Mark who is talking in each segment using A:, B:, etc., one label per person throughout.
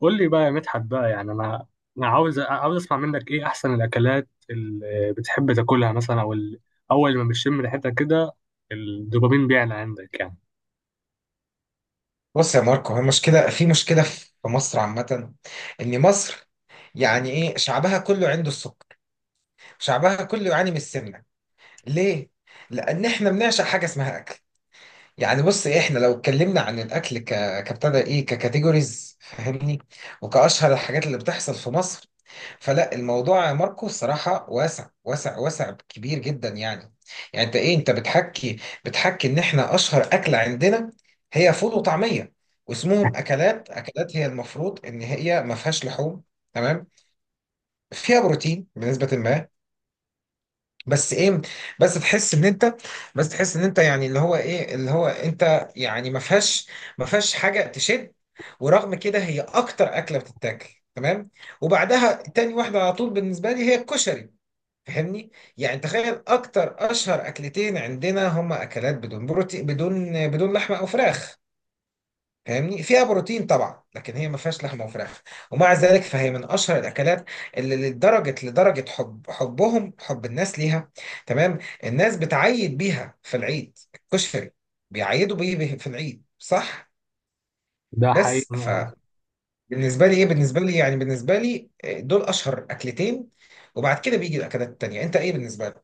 A: قول لي بقى يا مدحت بقى، يعني انا عاوز اسمع منك ايه احسن الاكلات اللي بتحب تاكلها مثلا، او اول ما بتشم ريحتها كده الدوبامين بيعلى عندك يعني.
B: بص يا ماركو، هي مشكلة في مصر عامة. إن مصر، يعني إيه، شعبها كله عنده السكر، شعبها كله يعاني من السمنة. ليه؟ لأن إحنا بنعشق حاجة اسمها أكل. يعني بص إيه، إحنا لو اتكلمنا عن الأكل ك كابتدى إيه ككاتيجوريز، فاهمني، وكأشهر الحاجات اللي بتحصل في مصر. فلا الموضوع يا ماركو الصراحة واسع واسع واسع، كبير جدا يعني. يعني انت بتحكي ان احنا اشهر اكلة عندنا هي فول وطعمية، واسمهم اكلات هي المفروض ان هي ما فيهاش لحوم، تمام، فيها بروتين بنسبة ما. بس ايه، بس تحس ان انت بس تحس ان انت يعني اللي هو ايه، اللي هو انت يعني ما فيهاش حاجة تشد. ورغم كده هي اكتر اكلة بتتاكل، تمام. وبعدها تاني واحدة على طول بالنسبة لي هي الكشري، فاهمني. يعني تخيل اكتر اشهر اكلتين عندنا هما اكلات بدون بروتين، بدون لحمه او فراخ. فاهمني، فيها بروتين طبعا، لكن هي ما فيهاش لحمه وفراخ. ومع ذلك فهي من اشهر الاكلات، اللي لدرجه حب الناس ليها. تمام. الناس بتعيد بيها في العيد، الكشري بيعيدوا بيه في العيد، صح.
A: ده
B: بس
A: حقيقي.
B: فبالنسبه لي ايه بالنسبه لي يعني بالنسبه لي، دول اشهر اكلتين. وبعد كده بيجي الاكلات التانيه. انت ايه بالنسبه؟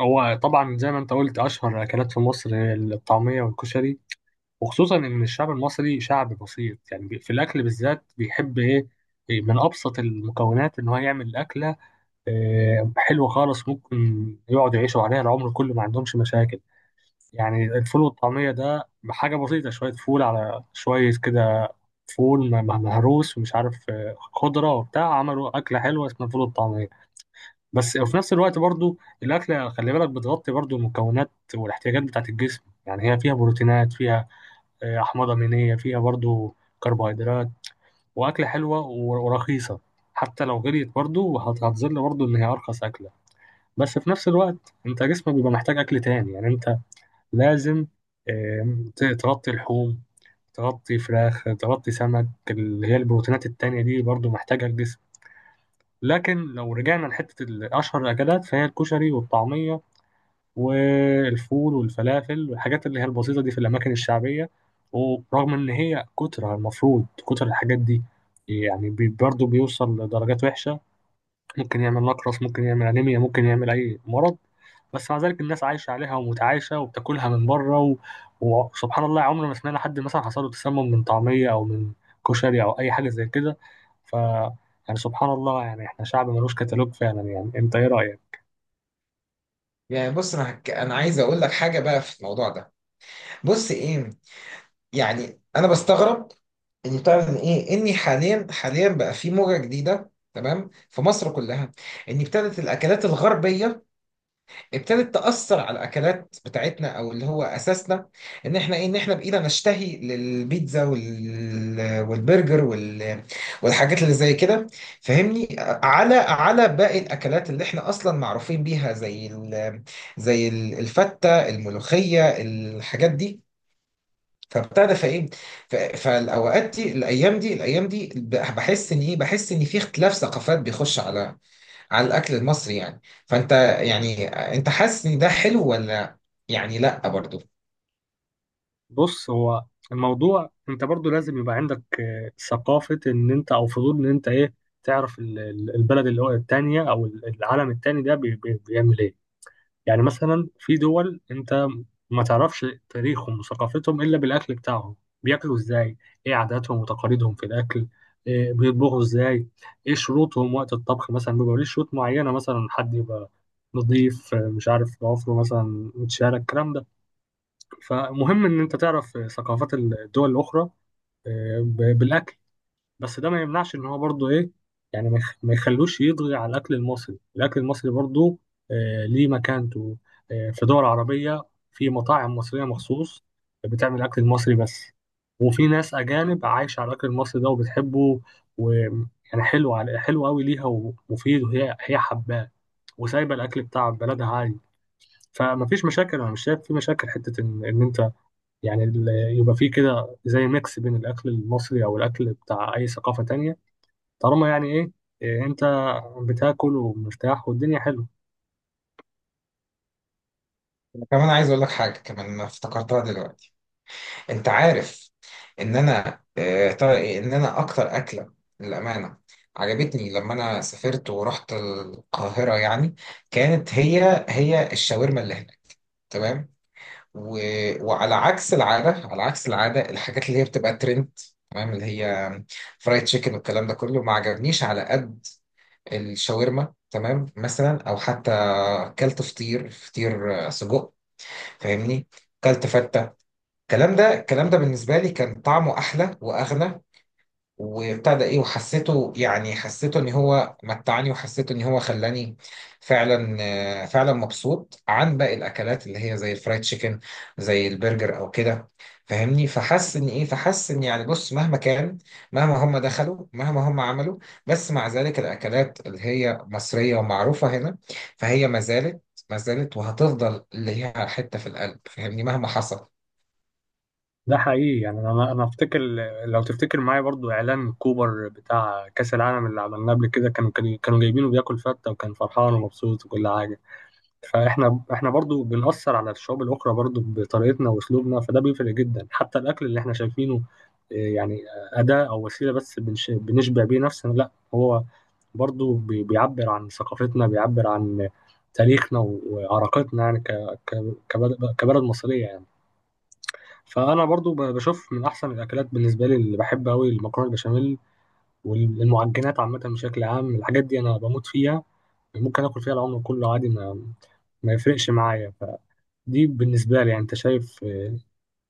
A: هو طبعا زي ما انت قلت اشهر اكلات في مصر هي الطعميه والكشري، وخصوصا ان الشعب المصري شعب بسيط، يعني في الاكل بالذات بيحب ايه، إيه من ابسط المكونات ان هو يعمل اكله. حلوه خالص. ممكن يقعدوا يعيشوا عليها العمر كله ما عندهمش مشاكل. يعني الفول والطعمية ده بحاجة بسيطة، شوية فول على شوية كده. فول مهروس ومش عارف، خضرة وبتاع، عملوا أكلة حلوة اسمها الفول والطعمية بس. وفي نفس الوقت برضو الأكلة خلي بالك بتغطي برضو المكونات والاحتياجات بتاعة الجسم، يعني هي فيها بروتينات، فيها أحماض أمينية، فيها برضو كربوهيدرات. وأكلة حلوة ورخيصة، حتى لو غليت برضو هتظل برضو إن هي أرخص أكلة. بس في نفس الوقت أنت جسمك بيبقى محتاج أكل تاني، يعني أنت لازم تغطي لحوم، تغطي فراخ، تغطي سمك، اللي هي البروتينات التانية دي برضو محتاجها الجسم. لكن لو رجعنا لحتة أشهر الأكلات فهي الكشري والطعمية والفول والفلافل والحاجات اللي هي البسيطة دي في الأماكن الشعبية. ورغم إن هي كترة، المفروض كتر الحاجات دي يعني برضو بيوصل لدرجات وحشة، ممكن يعمل نقرس، ممكن يعمل أنيميا، ممكن يعمل أي مرض. بس مع ذلك الناس عايشة عليها ومتعايشة وبتاكلها من بره. و... وسبحان الله عمرنا ما سمعنا حد مثلا حصل له تسمم من طعمية أو من كشري أو أي حاجة زي كده. ف يعني سبحان الله، يعني احنا شعب ملوش كتالوج فعلا، يعني انت ايه رأيك؟
B: يعني بص، انا عايز اقول لك حاجه بقى في الموضوع ده. بص ايه، يعني انا بستغرب ان بتاع ان ايه اني حاليا بقى في موجه جديده، تمام، في مصر كلها. ان ابتدت الاكلات الغربيه ابتدت تأثر على الأكلات بتاعتنا أو اللي هو أساسنا. إن إحنا بإيدنا نشتهي للبيتزا والبرجر والحاجات اللي زي كده، فاهمني، على باقي الأكلات اللي إحنا أصلا معروفين بيها، زي الفتة، الملوخية، الحاجات دي. فابتدى فايه فالاوقات دي، الايام دي بحس ان في اختلاف ثقافات بيخش على الاكل المصري يعني. يعني انت حاسس ان ده حلو ولا؟ يعني لا، برضو.
A: بص، هو الموضوع انت برضو لازم يبقى عندك ثقافة ان انت، او فضول ان انت ايه، تعرف البلد اللي هو التانية، او العالم التاني ده بيعمل ايه. يعني مثلا في دول انت ما تعرفش تاريخهم وثقافتهم الا بالاكل بتاعهم، بياكلوا ازاي، ايه عاداتهم وتقاليدهم في الاكل، إيه بيطبخوا ازاي، ايه شروطهم وقت الطبخ، مثلا بيبقى ليه شروط معينه، مثلا حد يبقى نضيف، مش عارف ضوافره مثلا متشالة، الكلام ده. فمهم ان انت تعرف ثقافات الدول الاخرى بالاكل. بس ده ما يمنعش ان هو برضه ايه، يعني ما يخلوش يطغي على الاكل المصري. الاكل المصري برضه آه ليه مكانته. آه، في دول عربية في مطاعم مصرية مخصوص بتعمل الاكل المصري بس. وفي ناس اجانب عايشة على الاكل المصري ده وبتحبه، ويعني حلو على حلو قوي ليها ومفيد، وهي هي حباه وسايبة الاكل بتاع بلدها عادي. فما فيش مشاكل، انا مش شايف في مشاكل حتة ان، إن انت يعني يبقى في كده زي ميكس بين الاكل المصري او الاكل بتاع اي ثقافة تانية. طالما يعني ايه، انت بتاكل ومرتاح والدنيا حلوه.
B: أنا كمان عايز اقول لك حاجه كمان ما افتكرتها دلوقتي. انت عارف ان انا آه، طا- ان انا اكتر اكله للامانه عجبتني لما انا سافرت ورحت القاهره يعني، كانت هي الشاورما اللي هناك، تمام. و... وعلى عكس العاده الحاجات اللي هي بتبقى ترند، تمام، اللي هي فرايد تشيكن والكلام ده كله ما عجبنيش على قد الشاورما، تمام. مثلا، او حتى كلت فطير، سجق، فاهمني. كلت فته. الكلام ده بالنسبه لي كان طعمه احلى واغنى، وابتدى ايه وحسيته يعني حسيته ان هو متعني، وحسيته ان هو خلاني فعلا، فعلا مبسوط عن باقي الاكلات اللي هي زي الفرايد تشيكن، زي البرجر او كده، فاهمني. فحس ان يعني بص، مهما كان، مهما هم دخلوا، مهما هم عملوا، بس مع ذلك الاكلات اللي هي مصرية ومعروفة هنا فهي ما زالت، ما زالت وهتفضل ليها حتة في القلب، فاهمني، مهما حصل.
A: ده حقيقي، يعني انا افتكر لو تفتكر معايا برضو اعلان كوبر بتاع كاس العالم اللي عملناه قبل كده، كانوا جايبينه بياكل فته، وكان فرحان ومبسوط وكل حاجه. فاحنا برضو بنأثر على الشعوب الاخرى برضو بطريقتنا واسلوبنا. فده بيفرق جدا حتى الاكل اللي احنا شايفينه يعني اداه او وسيله بس بنشبع بيه نفسنا، لا، هو برضو بيعبر عن ثقافتنا، بيعبر عن تاريخنا وعراقتنا، يعني كبلد كبلد مصرية يعني. فأنا برضو بشوف من أحسن الأكلات بالنسبة لي اللي بحب أوي المكرونة البشاميل والمعجنات عامة بشكل عام. الحاجات دي أنا بموت فيها، ممكن آكل فيها العمر كله عادي، ما يفرقش معايا. فدي بالنسبة لي، يعني أنت شايف،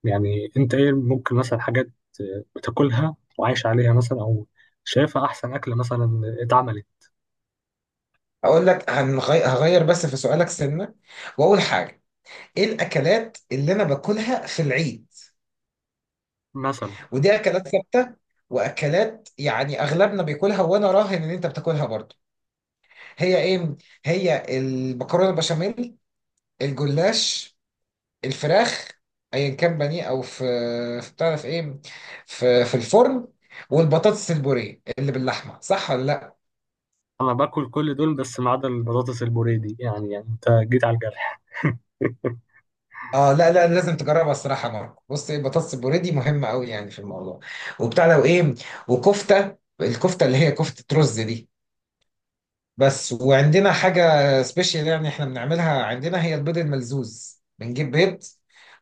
A: يعني أنت إيه ممكن مثلا حاجات بتاكلها وعايش عليها مثلا، أو شايفها أحسن أكلة مثلا اتعملت.
B: اقول لك، هغير بس في سؤالك سنة. واول حاجة، ايه الاكلات اللي انا باكلها في العيد؟
A: مثلا
B: ودي اكلات ثابته، واكلات يعني اغلبنا بياكلها، وانا راهن ان انت بتاكلها برضو. هي ايه؟ هي المكرونه البشاميل، الجلاش، الفراخ، ايا كان بانيه او في... في، بتعرف ايه، في الفرن، والبطاطس البوريه اللي باللحمه، صح ولا لا؟
A: انا باكل كل دول بس ما عدا البطاطس البوريدي، يعني يعني انت جيت على الجرح.
B: اه، لا لا، لازم تجربها الصراحه يا ماركو. بص ايه، البطاطس البوريه دي مهمه قوي يعني في الموضوع، وبتاع لو ايه. الكفته اللي هي كفته رز دي، بس. وعندنا حاجة سبيشال يعني احنا بنعملها عندنا، هي البيض الملزوز. بنجيب بيض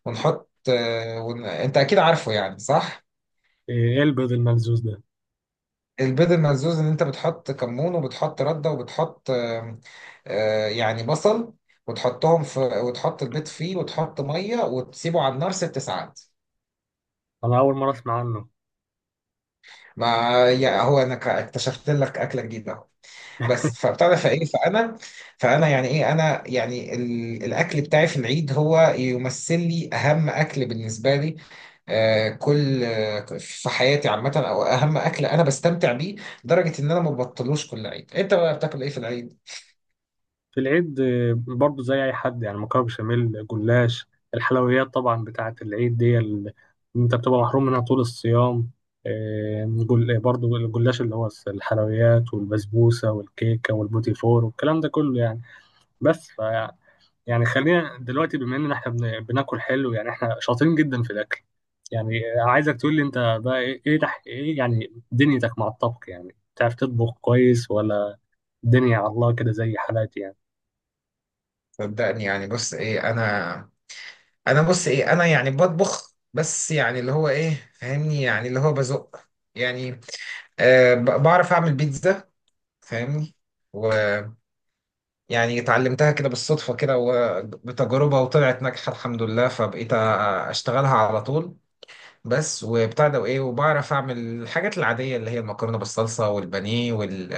B: ونحط انت اكيد عارفه يعني، صح؟
A: ايه البيض الملزوز ده؟
B: البيض الملزوز ان انت بتحط كمون، وبتحط ردة، وبتحط يعني بصل، وتحطهم وتحط البيض فيه، وتحط مية، وتسيبه على النار 6 ساعات.
A: انا اول مره اسمع عنه.
B: ما يعني هو انا اكتشفت لك اكلة جديدة، بس. فبتعرف فايه فانا فانا يعني ايه انا يعني الاكل بتاعي في العيد هو يمثل لي اهم اكل بالنسبه لي. كل، في حياتي عامه، او اهم اكل انا بستمتع بيه، لدرجه ان انا ما ببطلوش. كل عيد، انت بقى بتاكل ايه في العيد؟
A: في العيد برضو زي اي حد يعني، مكرونه بشاميل، جلاش، الحلويات طبعا بتاعه العيد دي انت بتبقى محروم منها طول الصيام. برضو الجلاش اللي هو الحلويات والبسبوسه والكيكه والبوتي فور والكلام ده كله يعني. بس يعني خلينا دلوقتي بما ان احنا بناكل حلو، يعني احنا شاطرين جدا في الاكل. يعني عايزك تقول لي انت بقى ايه، إيه يعني دنيتك مع الطبخ، يعني بتعرف تطبخ كويس ولا الدنيا على الله كده زي حالاتي يعني.
B: صدقني يعني. بص ايه، انا يعني بطبخ، بس يعني اللي هو ايه، فاهمني، يعني اللي هو بزق يعني، بعرف اعمل بيتزا، فاهمني. يعني اتعلمتها كده بالصدفة، كده وبتجربة، وطلعت ناجحة الحمد لله، فبقيت أشتغلها على طول بس. وبتاع ده وإيه، وبعرف أعمل الحاجات العادية اللي هي المكرونة بالصلصة والبانيه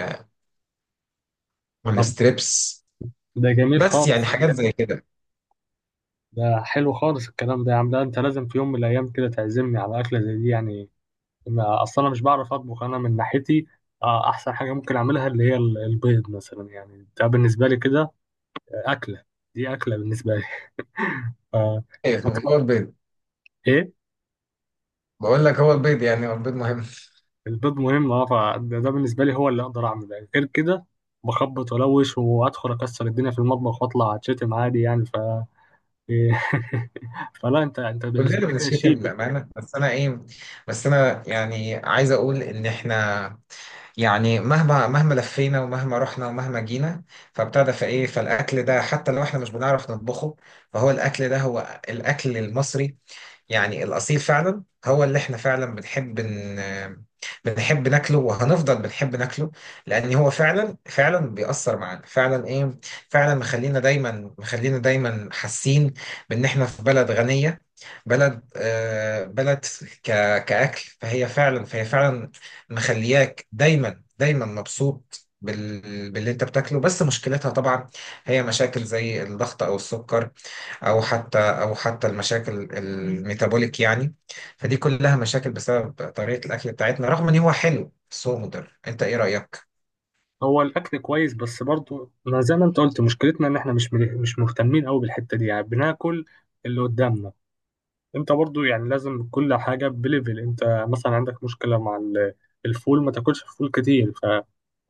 A: طب
B: والستريبس،
A: ده جميل
B: بس
A: خالص.
B: يعني حاجات زي كده.
A: ده حلو خالص الكلام ده يا عم، ده انت لازم في يوم من الايام كده تعزمني على اكله زي دي يعني. ما اصلا انا مش بعرف اطبخ انا من ناحيتي. احسن حاجه ممكن اعملها اللي هي البيض مثلا، يعني ده بالنسبه لي كده اكله، دي اكله بالنسبه لي. آه،
B: إيه هو البيض؟
A: ايه
B: بقول لك هو البيض يعني، هو البيض مهم.
A: الباب مهم اه، فده ده بالنسبه لي هو اللي اقدر اعمله، يعني غير كده بخبط ولوش، وادخل اكسر الدنيا في المطبخ واطلع اتشتم عادي يعني. ف فلا انت، انت بالنسبه
B: كلنا
A: لي كده
B: بنشتم
A: شيبي.
B: للأمانة، بس أنا إيه، بس أنا يعني عايز أقول إن إحنا، يعني مهما لفينا ومهما رحنا ومهما جينا، فابتدى فايه فالاكل ده، حتى لو احنا مش بنعرف نطبخه، فهو الاكل ده هو الاكل المصري، يعني الأصيل، فعلا هو اللي احنا فعلا بنحب بنحب ناكله وهنفضل بنحب ناكله. لأن هو فعلا فعلا بيأثر معانا فعلا، فعلا مخلينا دايما، مخلينا دايما حاسين بإن احنا في بلد غنية، بلد ك... كأكل، فهي فعلا، فهي فعلا مخلياك دايما دايما مبسوط باللي انت بتاكله. بس مشكلتها طبعا هي مشاكل زي الضغط او السكر، او حتى المشاكل الميتابوليك يعني. فدي كلها مشاكل بسبب طريقه الاكل بتاعتنا، رغم ان هو حلو بس هو مضر. انت ايه رايك؟
A: هو الاكل كويس، بس برضو ما زي ما انت قلت مشكلتنا ان احنا مش مهتمين قوي بالحته دي، يعني بناكل اللي قدامنا. انت برضو يعني لازم كل حاجة بليفل. انت مثلا عندك مشكلة مع الفول، ما تاكلش فول كتير. ف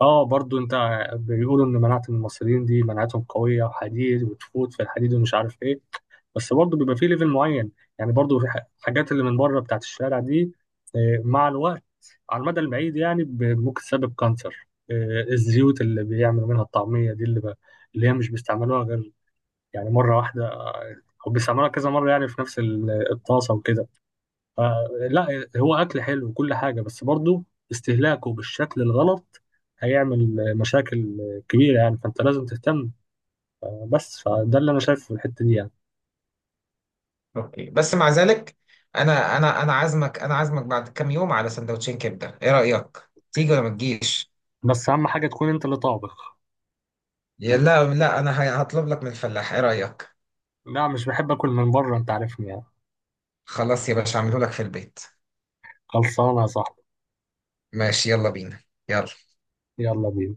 A: اه برضو انت بيقولوا ان مناعة المصريين دي مناعتهم قوية وحديد وتفوت في الحديد ومش عارف ايه. بس برضو بيبقى فيه ليفل معين، يعني برضو في حاجات اللي من بره بتاعت الشارع دي اه، مع الوقت على المدى البعيد، يعني ممكن تسبب كانسر. اه، الزيوت اللي بيعملوا منها الطعمية دي اللي هي مش بيستعملوها غير يعني مرة واحدة، أو بيستعملوها كذا مرة يعني في نفس الطاسة وكده. آه لا، هو اكل حلو وكل حاجه، بس برضه استهلاكه بالشكل الغلط هيعمل مشاكل كبيره يعني، فانت لازم تهتم. بس فده اللي انا شايفه في الحته دي يعني.
B: اوكي، بس مع ذلك، انا عازمك بعد كام يوم على سندوتشين كبده، ايه رايك؟ تيجي ولا ما تجيش؟
A: بس اهم حاجه تكون انت اللي طابخ.
B: يا لا لا، انا هطلب لك من الفلاح، ايه رايك؟
A: لا مش بحب اكل من بره انت عارفني يعني.
B: خلاص يا باشا، اعمله لك في البيت.
A: خلصانه يا صاحبي.
B: ماشي، يلا بينا، يلا.
A: يلا بينا.